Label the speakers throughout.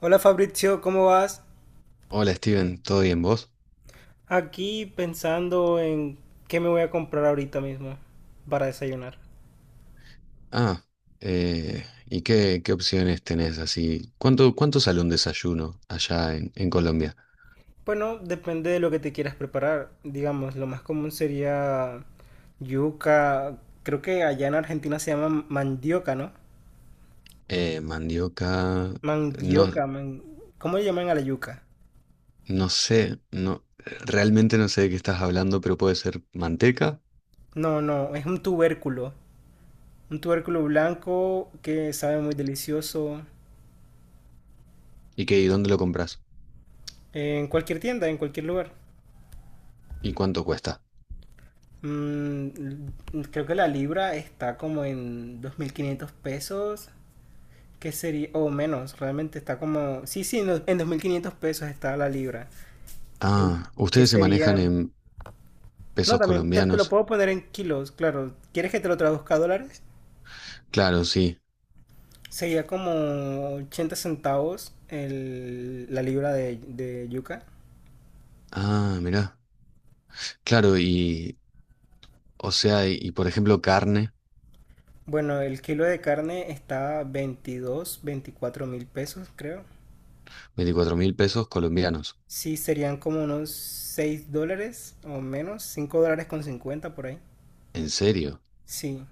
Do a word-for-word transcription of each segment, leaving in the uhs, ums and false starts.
Speaker 1: Hola Fabrizio, ¿cómo vas?
Speaker 2: Hola Steven, ¿todo bien vos?
Speaker 1: Aquí pensando en qué me voy a comprar ahorita mismo para desayunar.
Speaker 2: Ah, eh, ¿y qué, qué opciones tenés así? ¿Cuánto, cuánto sale un desayuno allá en, en Colombia?
Speaker 1: Bueno, depende de lo que te quieras preparar. Digamos, lo más común sería yuca. Creo que allá en Argentina se llama mandioca, ¿no?
Speaker 2: Eh, mandioca, no,
Speaker 1: Mandioca, man- ¿cómo le llaman a la yuca?
Speaker 2: no sé, no, realmente no sé de qué estás hablando, pero puede ser manteca.
Speaker 1: No, no, es un tubérculo. Un tubérculo blanco que sabe muy delicioso
Speaker 2: ¿Y qué, y dónde lo compras?
Speaker 1: en cualquier tienda, en cualquier lugar.
Speaker 2: ¿Y cuánto cuesta?
Speaker 1: Mm, creo que la libra está como en dos mil quinientos pesos, que sería, o menos, realmente está como, sí, sí, no, en dos mil quinientos pesos está la libra, el,
Speaker 2: Ah,
Speaker 1: que
Speaker 2: ustedes se manejan
Speaker 1: serían,
Speaker 2: en
Speaker 1: no,
Speaker 2: pesos
Speaker 1: también te, te lo
Speaker 2: colombianos.
Speaker 1: puedo poner en kilos, claro, ¿quieres que te lo traduzca a dólares?
Speaker 2: Claro, sí.
Speaker 1: Sería como ochenta centavos el- la libra de, de yuca.
Speaker 2: Ah, mirá. Claro, y, o sea, y, y por ejemplo carne,
Speaker 1: Bueno, el kilo de carne está veintidós veinticuatro mil pesos, creo.
Speaker 2: veinticuatro mil pesos colombianos.
Speaker 1: Sí, serían como unos seis dólares o menos, cinco dólares con cincuenta por ahí.
Speaker 2: ¿En serio?
Speaker 1: Sí.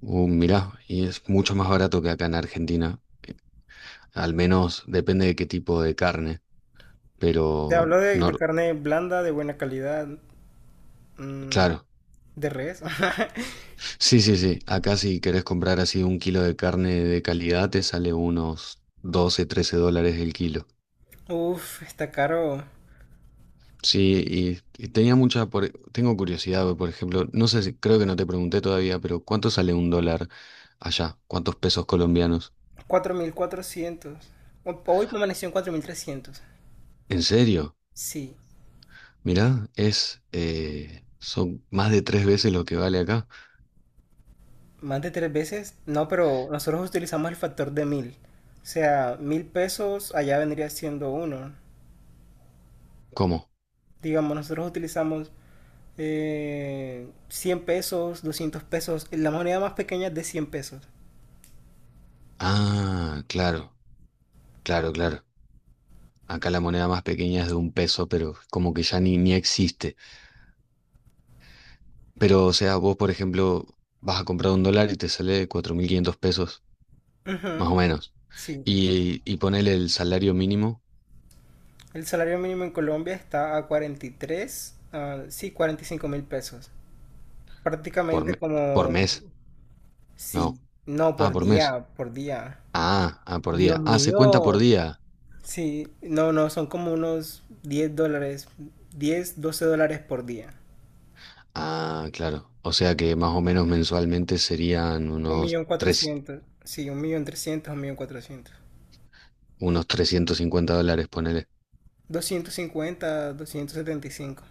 Speaker 2: Uh, mirá, y es mucho más barato que acá en Argentina. Eh, Al menos depende de qué tipo de carne.
Speaker 1: Te
Speaker 2: Pero,
Speaker 1: hablo de,
Speaker 2: no,
Speaker 1: de carne blanda, de buena calidad, mm,
Speaker 2: claro.
Speaker 1: de res.
Speaker 2: Sí, sí, sí. Acá si querés comprar así un kilo de carne de calidad te sale unos doce, trece dólares el kilo.
Speaker 1: Uf, está caro.
Speaker 2: Sí, y, y tenía mucha, por- tengo curiosidad, por ejemplo, no sé si, creo que no te pregunté todavía, pero ¿cuánto sale un dólar allá? ¿Cuántos pesos colombianos?
Speaker 1: cuatro mil cuatrocientos. Ho- Hoy permaneció en cuatro mil trescientos.
Speaker 2: ¿En serio?
Speaker 1: Sí,
Speaker 2: Mirá, es, eh, son más de tres veces lo que vale acá.
Speaker 1: más de tres veces. No, pero nosotros utilizamos el factor de mil. O sea, mil pesos allá vendría siendo uno.
Speaker 2: ¿Cómo?
Speaker 1: Digamos, nosotros utilizamos eh, cien pesos, doscientos pesos. La moneda más pequeña es de cien pesos.
Speaker 2: Ah, claro, claro, claro. Acá la moneda más pequeña es de un peso, pero como que ya ni, ni existe. Pero, o sea, vos, por ejemplo, vas a comprar un dólar y te sale cuatro mil quinientos pesos,
Speaker 1: Ujú,
Speaker 2: más o menos.
Speaker 1: sí,
Speaker 2: Y, y ponele el salario mínimo
Speaker 1: el salario mínimo en Colombia está a cuarenta y tres, ah, sí, cuarenta y cinco mil pesos.
Speaker 2: por,
Speaker 1: Prácticamente
Speaker 2: me- por
Speaker 1: como,
Speaker 2: mes.
Speaker 1: sí,
Speaker 2: No.
Speaker 1: no,
Speaker 2: Ah,
Speaker 1: por
Speaker 2: por mes.
Speaker 1: día, por día.
Speaker 2: Ah, ah, por
Speaker 1: Dios
Speaker 2: día. Ah, se cuenta por
Speaker 1: mío,
Speaker 2: día.
Speaker 1: sí, no, no, son como unos diez dólares, diez doce dólares por día.
Speaker 2: Ah, claro. O sea que más o menos mensualmente serían
Speaker 1: Un
Speaker 2: unos
Speaker 1: millón
Speaker 2: tres,
Speaker 1: cuatrocientos, sí, un millón trescientos, un millón cuatrocientos.
Speaker 2: unos trescientos cincuenta dólares, ponele.
Speaker 1: Doscientos doscientos cincuenta doscientos setenta y cinco.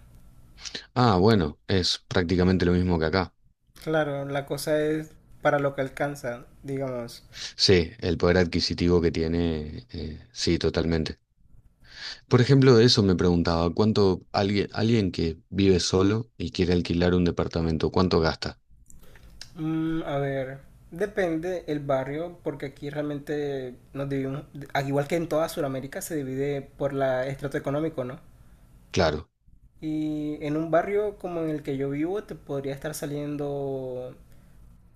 Speaker 2: Ah, bueno, es prácticamente lo mismo que acá.
Speaker 1: Claro, la cosa es para lo que alcanza, digamos.
Speaker 2: Sí, el poder adquisitivo que tiene, eh, sí, totalmente. Por ejemplo, de eso me preguntaba, ¿cuánto alguien, alguien que vive solo y quiere alquilar un departamento, cuánto gasta?
Speaker 1: Mm, a ver, depende el barrio, porque aquí realmente nos dividimos, al igual que en toda Sudamérica, se divide por la estrato económico, ¿no?
Speaker 2: Claro,
Speaker 1: Y en un barrio como en el que yo vivo, te podría estar saliendo,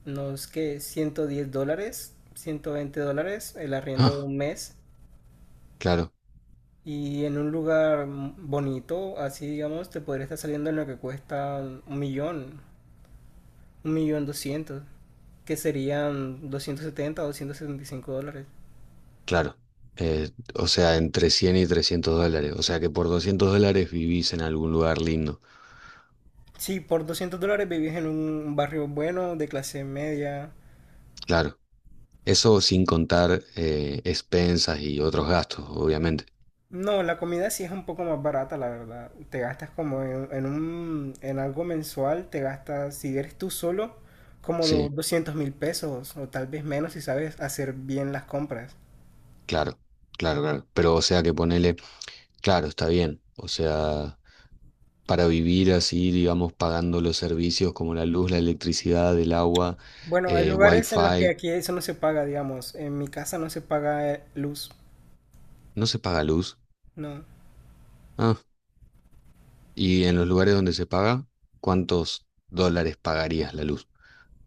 Speaker 1: no es que ciento diez dólares, ciento veinte dólares el arriendo de
Speaker 2: ah,
Speaker 1: un mes.
Speaker 2: claro,
Speaker 1: Y en un lugar bonito, así digamos, te podría estar saliendo en lo que cuesta un millón, un millón doscientos, que serían doscientos setenta o doscientos setenta y cinco dólares.
Speaker 2: claro. Eh, o sea, entre cien y trescientos dólares. O sea que por doscientos dólares vivís en algún lugar lindo.
Speaker 1: Sí, por doscientos dólares vivís en un barrio bueno, de clase media.
Speaker 2: Claro, eso sin contar eh, expensas y otros gastos, obviamente.
Speaker 1: No, la comida sí es un poco más barata, la verdad. Te gastas como en, en un, en algo mensual, te gastas, si eres tú solo, como do-
Speaker 2: Sí,
Speaker 1: doscientos mil pesos o tal vez menos si sabes hacer bien las compras.
Speaker 2: claro, claro, claro. Pero o sea que ponele, claro, está bien. O sea, para vivir así, digamos, pagando los servicios como la luz, la electricidad, el agua,
Speaker 1: Bueno, hay
Speaker 2: eh,
Speaker 1: lugares en los que
Speaker 2: wifi.
Speaker 1: aquí eso no se paga, digamos. En mi casa no se paga eh, luz,
Speaker 2: No se paga luz.
Speaker 1: no.
Speaker 2: Ah, y en los lugares donde se paga, ¿cuántos dólares pagarías la luz?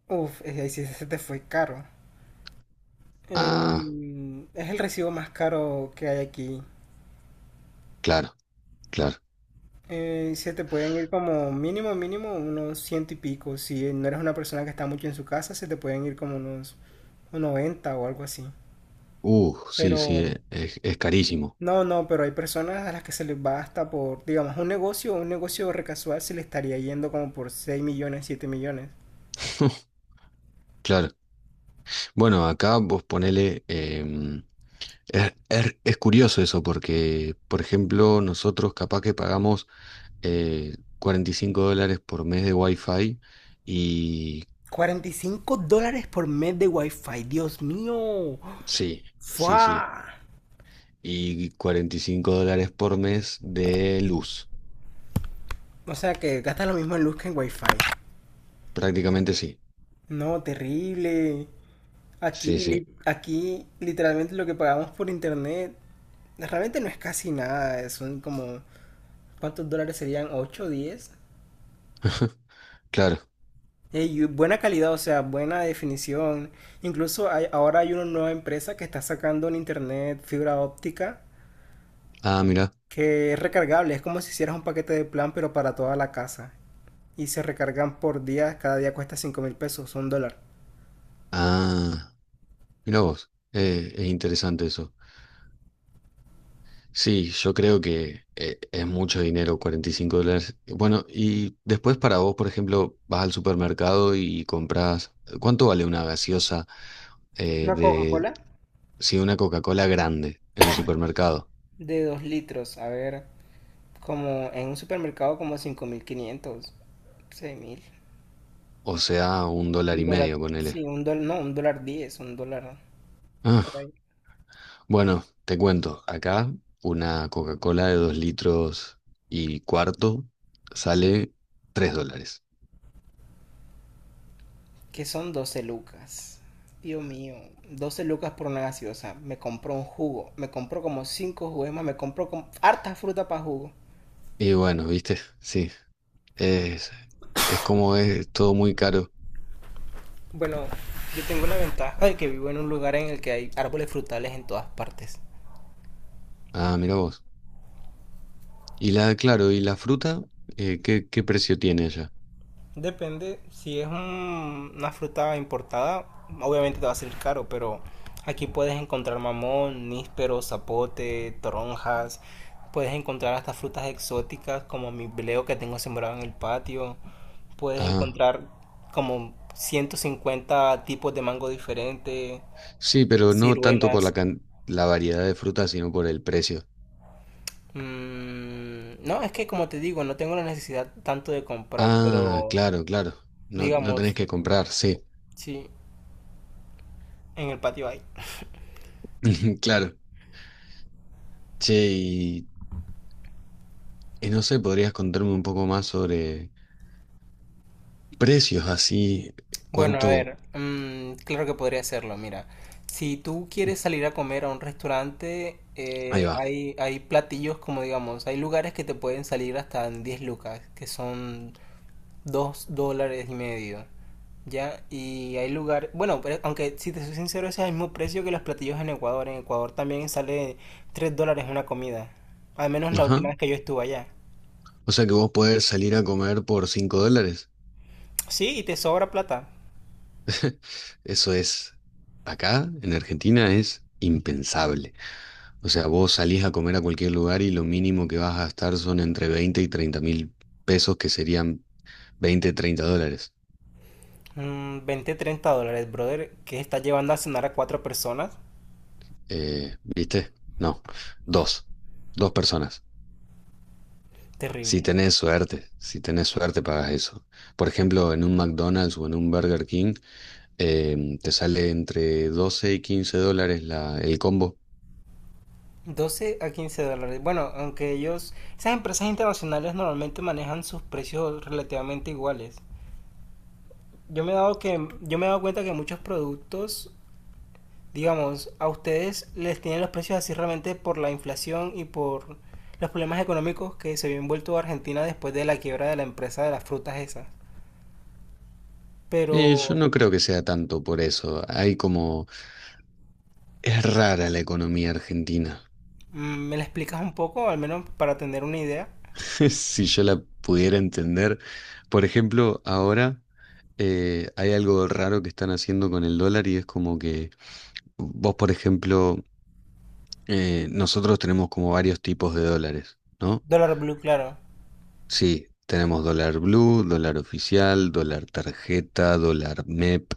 Speaker 1: Uf, eh, ahí sí se te fue caro.
Speaker 2: Ah,
Speaker 1: Eh, es el recibo más caro que hay aquí.
Speaker 2: claro, claro.
Speaker 1: Eh, se te pueden ir como mínimo, mínimo unos ciento y pico. Si no eres una persona que está mucho en su casa, se te pueden ir como unos noventa o algo así.
Speaker 2: Uh, sí, sí,
Speaker 1: Pero
Speaker 2: e- es, es carísimo.
Speaker 1: no, no, pero hay personas a las que se les va hasta por, digamos, un negocio, un negocio recasual se le estaría yendo como por seis millones, siete millones.
Speaker 2: Claro. Bueno, acá vos ponele, em, es, es- es curioso eso porque, por ejemplo, nosotros capaz que pagamos eh, cuarenta y cinco dólares por mes de wifi y,
Speaker 1: Cuarenta y cinco dólares por mes de wifi, Dios mío.
Speaker 2: sí, sí, sí.
Speaker 1: ¡Fua!
Speaker 2: Y cuarenta y cinco dólares por mes de luz.
Speaker 1: O sea que gasta lo mismo en luz que en wifi.
Speaker 2: Prácticamente sí.
Speaker 1: No, terrible.
Speaker 2: Sí,
Speaker 1: Aquí,
Speaker 2: sí.
Speaker 1: li- aquí literalmente lo que pagamos por internet realmente no es casi nada. Son como, ¿cuántos dólares serían? ¿Ocho, o diez?
Speaker 2: Claro.
Speaker 1: Eh, y buena calidad, o sea, buena definición. Incluso hay- ahora hay una nueva empresa que está sacando en internet fibra óptica
Speaker 2: Ah, mira.
Speaker 1: que es recargable. Es como si hicieras un paquete de plan, pero para toda la casa. Y se recargan por día. Cada día cuesta cinco mil pesos, un dólar.
Speaker 2: Ah, mira vos. Eh, es interesante eso. Sí, yo creo que eh, es mucho dinero, cuarenta y cinco dólares. Bueno, y después para vos, por ejemplo, vas al supermercado y compras. ¿Cuánto vale una gaseosa, eh,
Speaker 1: Una
Speaker 2: de,
Speaker 1: Coca-Cola
Speaker 2: sí, una Coca-Cola grande en el supermercado?
Speaker 1: de dos litros. A ver. Como en un supermercado como cinco mil quinientos, seis mil.
Speaker 2: O sea, un dólar
Speaker 1: Un
Speaker 2: y
Speaker 1: dólar,
Speaker 2: medio, ponele.
Speaker 1: sí, un dólar, no, un dólar diez, un dólar por
Speaker 2: Ah.
Speaker 1: ahí.
Speaker 2: Bueno, te cuento, acá una Coca-Cola de dos litros y cuarto sale tres dólares.
Speaker 1: Que son doce lucas. Dios mío, doce lucas por una gaseosa. Me compró un jugo, me compró como cinco jugos más, me compró como harta fruta para jugo.
Speaker 2: Y bueno, viste, sí, es, es como es todo muy caro.
Speaker 1: Bueno, yo tengo la ventaja de que vivo en un lugar en el que hay árboles frutales en todas partes.
Speaker 2: Ah, mira vos. Y la, claro, ¿y la fruta? Eh, ¿qué, qué precio tiene allá?
Speaker 1: Depende, si es un- una fruta importada, obviamente te va a salir caro, pero aquí puedes encontrar mamón, níspero, zapote, toronjas, puedes encontrar hasta frutas exóticas como mi bleo que tengo sembrado en el patio, puedes
Speaker 2: Ah,
Speaker 1: encontrar como ciento cincuenta tipos de mango diferentes,
Speaker 2: sí, pero no tanto por la,
Speaker 1: ciruelas.
Speaker 2: can- la variedad de fruta, sino por el precio.
Speaker 1: Mm, no, es que como te digo, no tengo la necesidad tanto de comprar,
Speaker 2: Ah,
Speaker 1: pero
Speaker 2: claro, claro. No, no tenés
Speaker 1: digamos,
Speaker 2: que comprar, sí.
Speaker 1: sí, en el patio hay.
Speaker 2: Claro. Che, y, y no sé, ¿podrías contarme un poco más sobre precios así,
Speaker 1: Bueno, a
Speaker 2: ¿cuánto?
Speaker 1: ver, mm, claro que podría hacerlo. Mira, si tú quieres salir a comer a un restaurante,
Speaker 2: Ahí
Speaker 1: eh,
Speaker 2: va.
Speaker 1: hay, hay platillos como digamos, hay lugares que te pueden salir hasta en diez lucas, que son dos dólares y medio. ¿Ya? Y hay lugares, bueno, pero aunque si te soy sincero, ese es el mismo precio que los platillos en Ecuador. En Ecuador también sale tres dólares una comida. Al menos la
Speaker 2: Ajá.
Speaker 1: última vez que yo estuve allá.
Speaker 2: O sea que vos podés salir a comer por cinco dólares.
Speaker 1: Sí, y te sobra plata.
Speaker 2: Eso es, acá en Argentina es impensable. O sea, vos salís a comer a cualquier lugar y lo mínimo que vas a gastar son entre veinte y treinta mil pesos, que serían veinte treinta dólares.
Speaker 1: Mm, veinte, treinta dólares, brother, que estás llevando a cenar a cuatro personas.
Speaker 2: Eh, ¿viste? No, dos. Dos personas. Si
Speaker 1: Terrible.
Speaker 2: tenés suerte, si tenés suerte pagas eso. Por ejemplo, en un McDonald's o en un Burger King, Em, te sale entre doce y quince dólares la, el combo.
Speaker 1: Doce a quince dólares. Bueno, aunque ellos, esas empresas internacionales normalmente manejan sus precios relativamente iguales. Yo me he dado que, yo me he dado cuenta que muchos productos, digamos, a ustedes les tienen los precios así realmente por la inflación y por los problemas económicos que se había envuelto Argentina después de la quiebra de la empresa de las frutas esas.
Speaker 2: Y yo
Speaker 1: Pero,
Speaker 2: no creo que sea tanto por eso. Hay como, es rara la economía argentina.
Speaker 1: mm, ¿me la explicas un poco, al menos para tener una idea?
Speaker 2: Si yo la pudiera entender. Por ejemplo, ahora eh, hay algo raro que están haciendo con el dólar y es como que vos, por ejemplo, eh, nosotros tenemos como varios tipos de dólares, ¿no?
Speaker 1: Dólar Blue, claro.
Speaker 2: Sí, tenemos dólar blue, dólar oficial, dólar tarjeta, dólar MEP.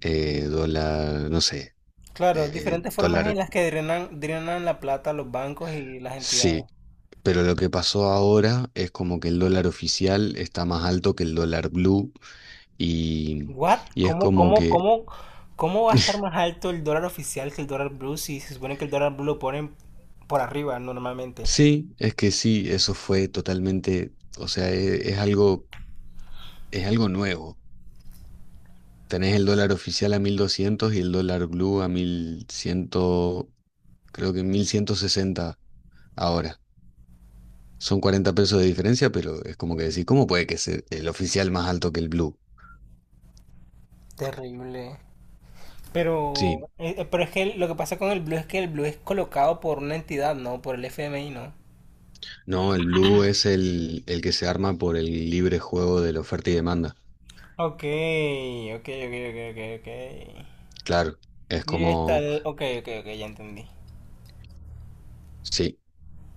Speaker 2: eh, dólar, no sé,
Speaker 1: Claro,
Speaker 2: eh,
Speaker 1: diferentes formas en
Speaker 2: dólar,
Speaker 1: las que drenan, drenan la plata los bancos y las
Speaker 2: sí.
Speaker 1: entidades.
Speaker 2: Pero lo que pasó ahora es como que el dólar oficial está más alto que el dólar blue y,
Speaker 1: ¿What?
Speaker 2: y es
Speaker 1: ¿Cómo,
Speaker 2: como
Speaker 1: cómo,
Speaker 2: que,
Speaker 1: cómo, cómo va a estar más alto el dólar oficial que el dólar blue si se supone que el dólar blue lo ponen por arriba normalmente?
Speaker 2: sí, es que sí, eso fue totalmente, o sea, e- es, algo, es algo nuevo. Tenés el dólar oficial a mil doscientos y el dólar blue a mil cien, creo que mil ciento sesenta ahora. Son cuarenta pesos de diferencia, pero es como que decir, ¿cómo puede que sea el oficial más alto que el blue?
Speaker 1: Terrible. Pero,
Speaker 2: Sí,
Speaker 1: eh, eh, pero es que lo que pasa con el blue es que el blue es colocado por una entidad, ¿no? Por el F M I, ¿no?
Speaker 2: no, el blue es el, el que se arma por el libre juego de la oferta y demanda.
Speaker 1: Ok, ok, ok, ok, ok, ok.
Speaker 2: Claro, es
Speaker 1: Y está
Speaker 2: como,
Speaker 1: el. Ok, ok, ok, ya entendí.
Speaker 2: sí,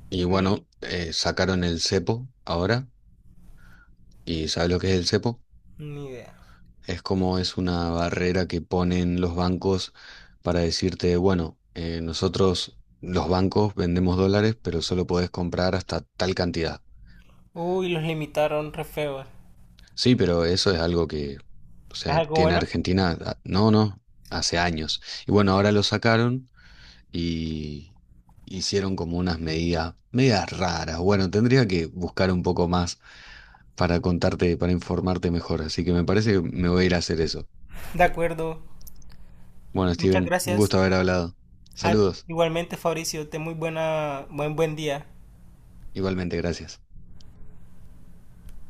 Speaker 2: y bueno, eh, sacaron el cepo ahora, y ¿sabes lo que es el cepo?
Speaker 1: Ni idea.
Speaker 2: Es como es una barrera que ponen los bancos para decirte, bueno, eh, nosotros los bancos vendemos dólares, pero solo podés comprar hasta tal cantidad.
Speaker 1: Uy, los limitaron re feos.
Speaker 2: Sí, pero eso es algo que, o
Speaker 1: ¿Es
Speaker 2: sea,
Speaker 1: algo
Speaker 2: tiene
Speaker 1: bueno?
Speaker 2: Argentina, ah, no, no, hace años. Y bueno, ahora lo sacaron. Y hicieron como unas medidas, medidas, raras. Bueno, tendría que buscar un poco más para contarte, para informarte mejor, así que me parece que me voy a ir a hacer eso.
Speaker 1: De acuerdo.
Speaker 2: Bueno,
Speaker 1: Muchas
Speaker 2: Steven, un
Speaker 1: gracias.
Speaker 2: gusto haber hablado.
Speaker 1: Ah,
Speaker 2: Saludos,
Speaker 1: igualmente, Fabricio, ten muy buena, buen, buen día.
Speaker 2: igualmente, gracias.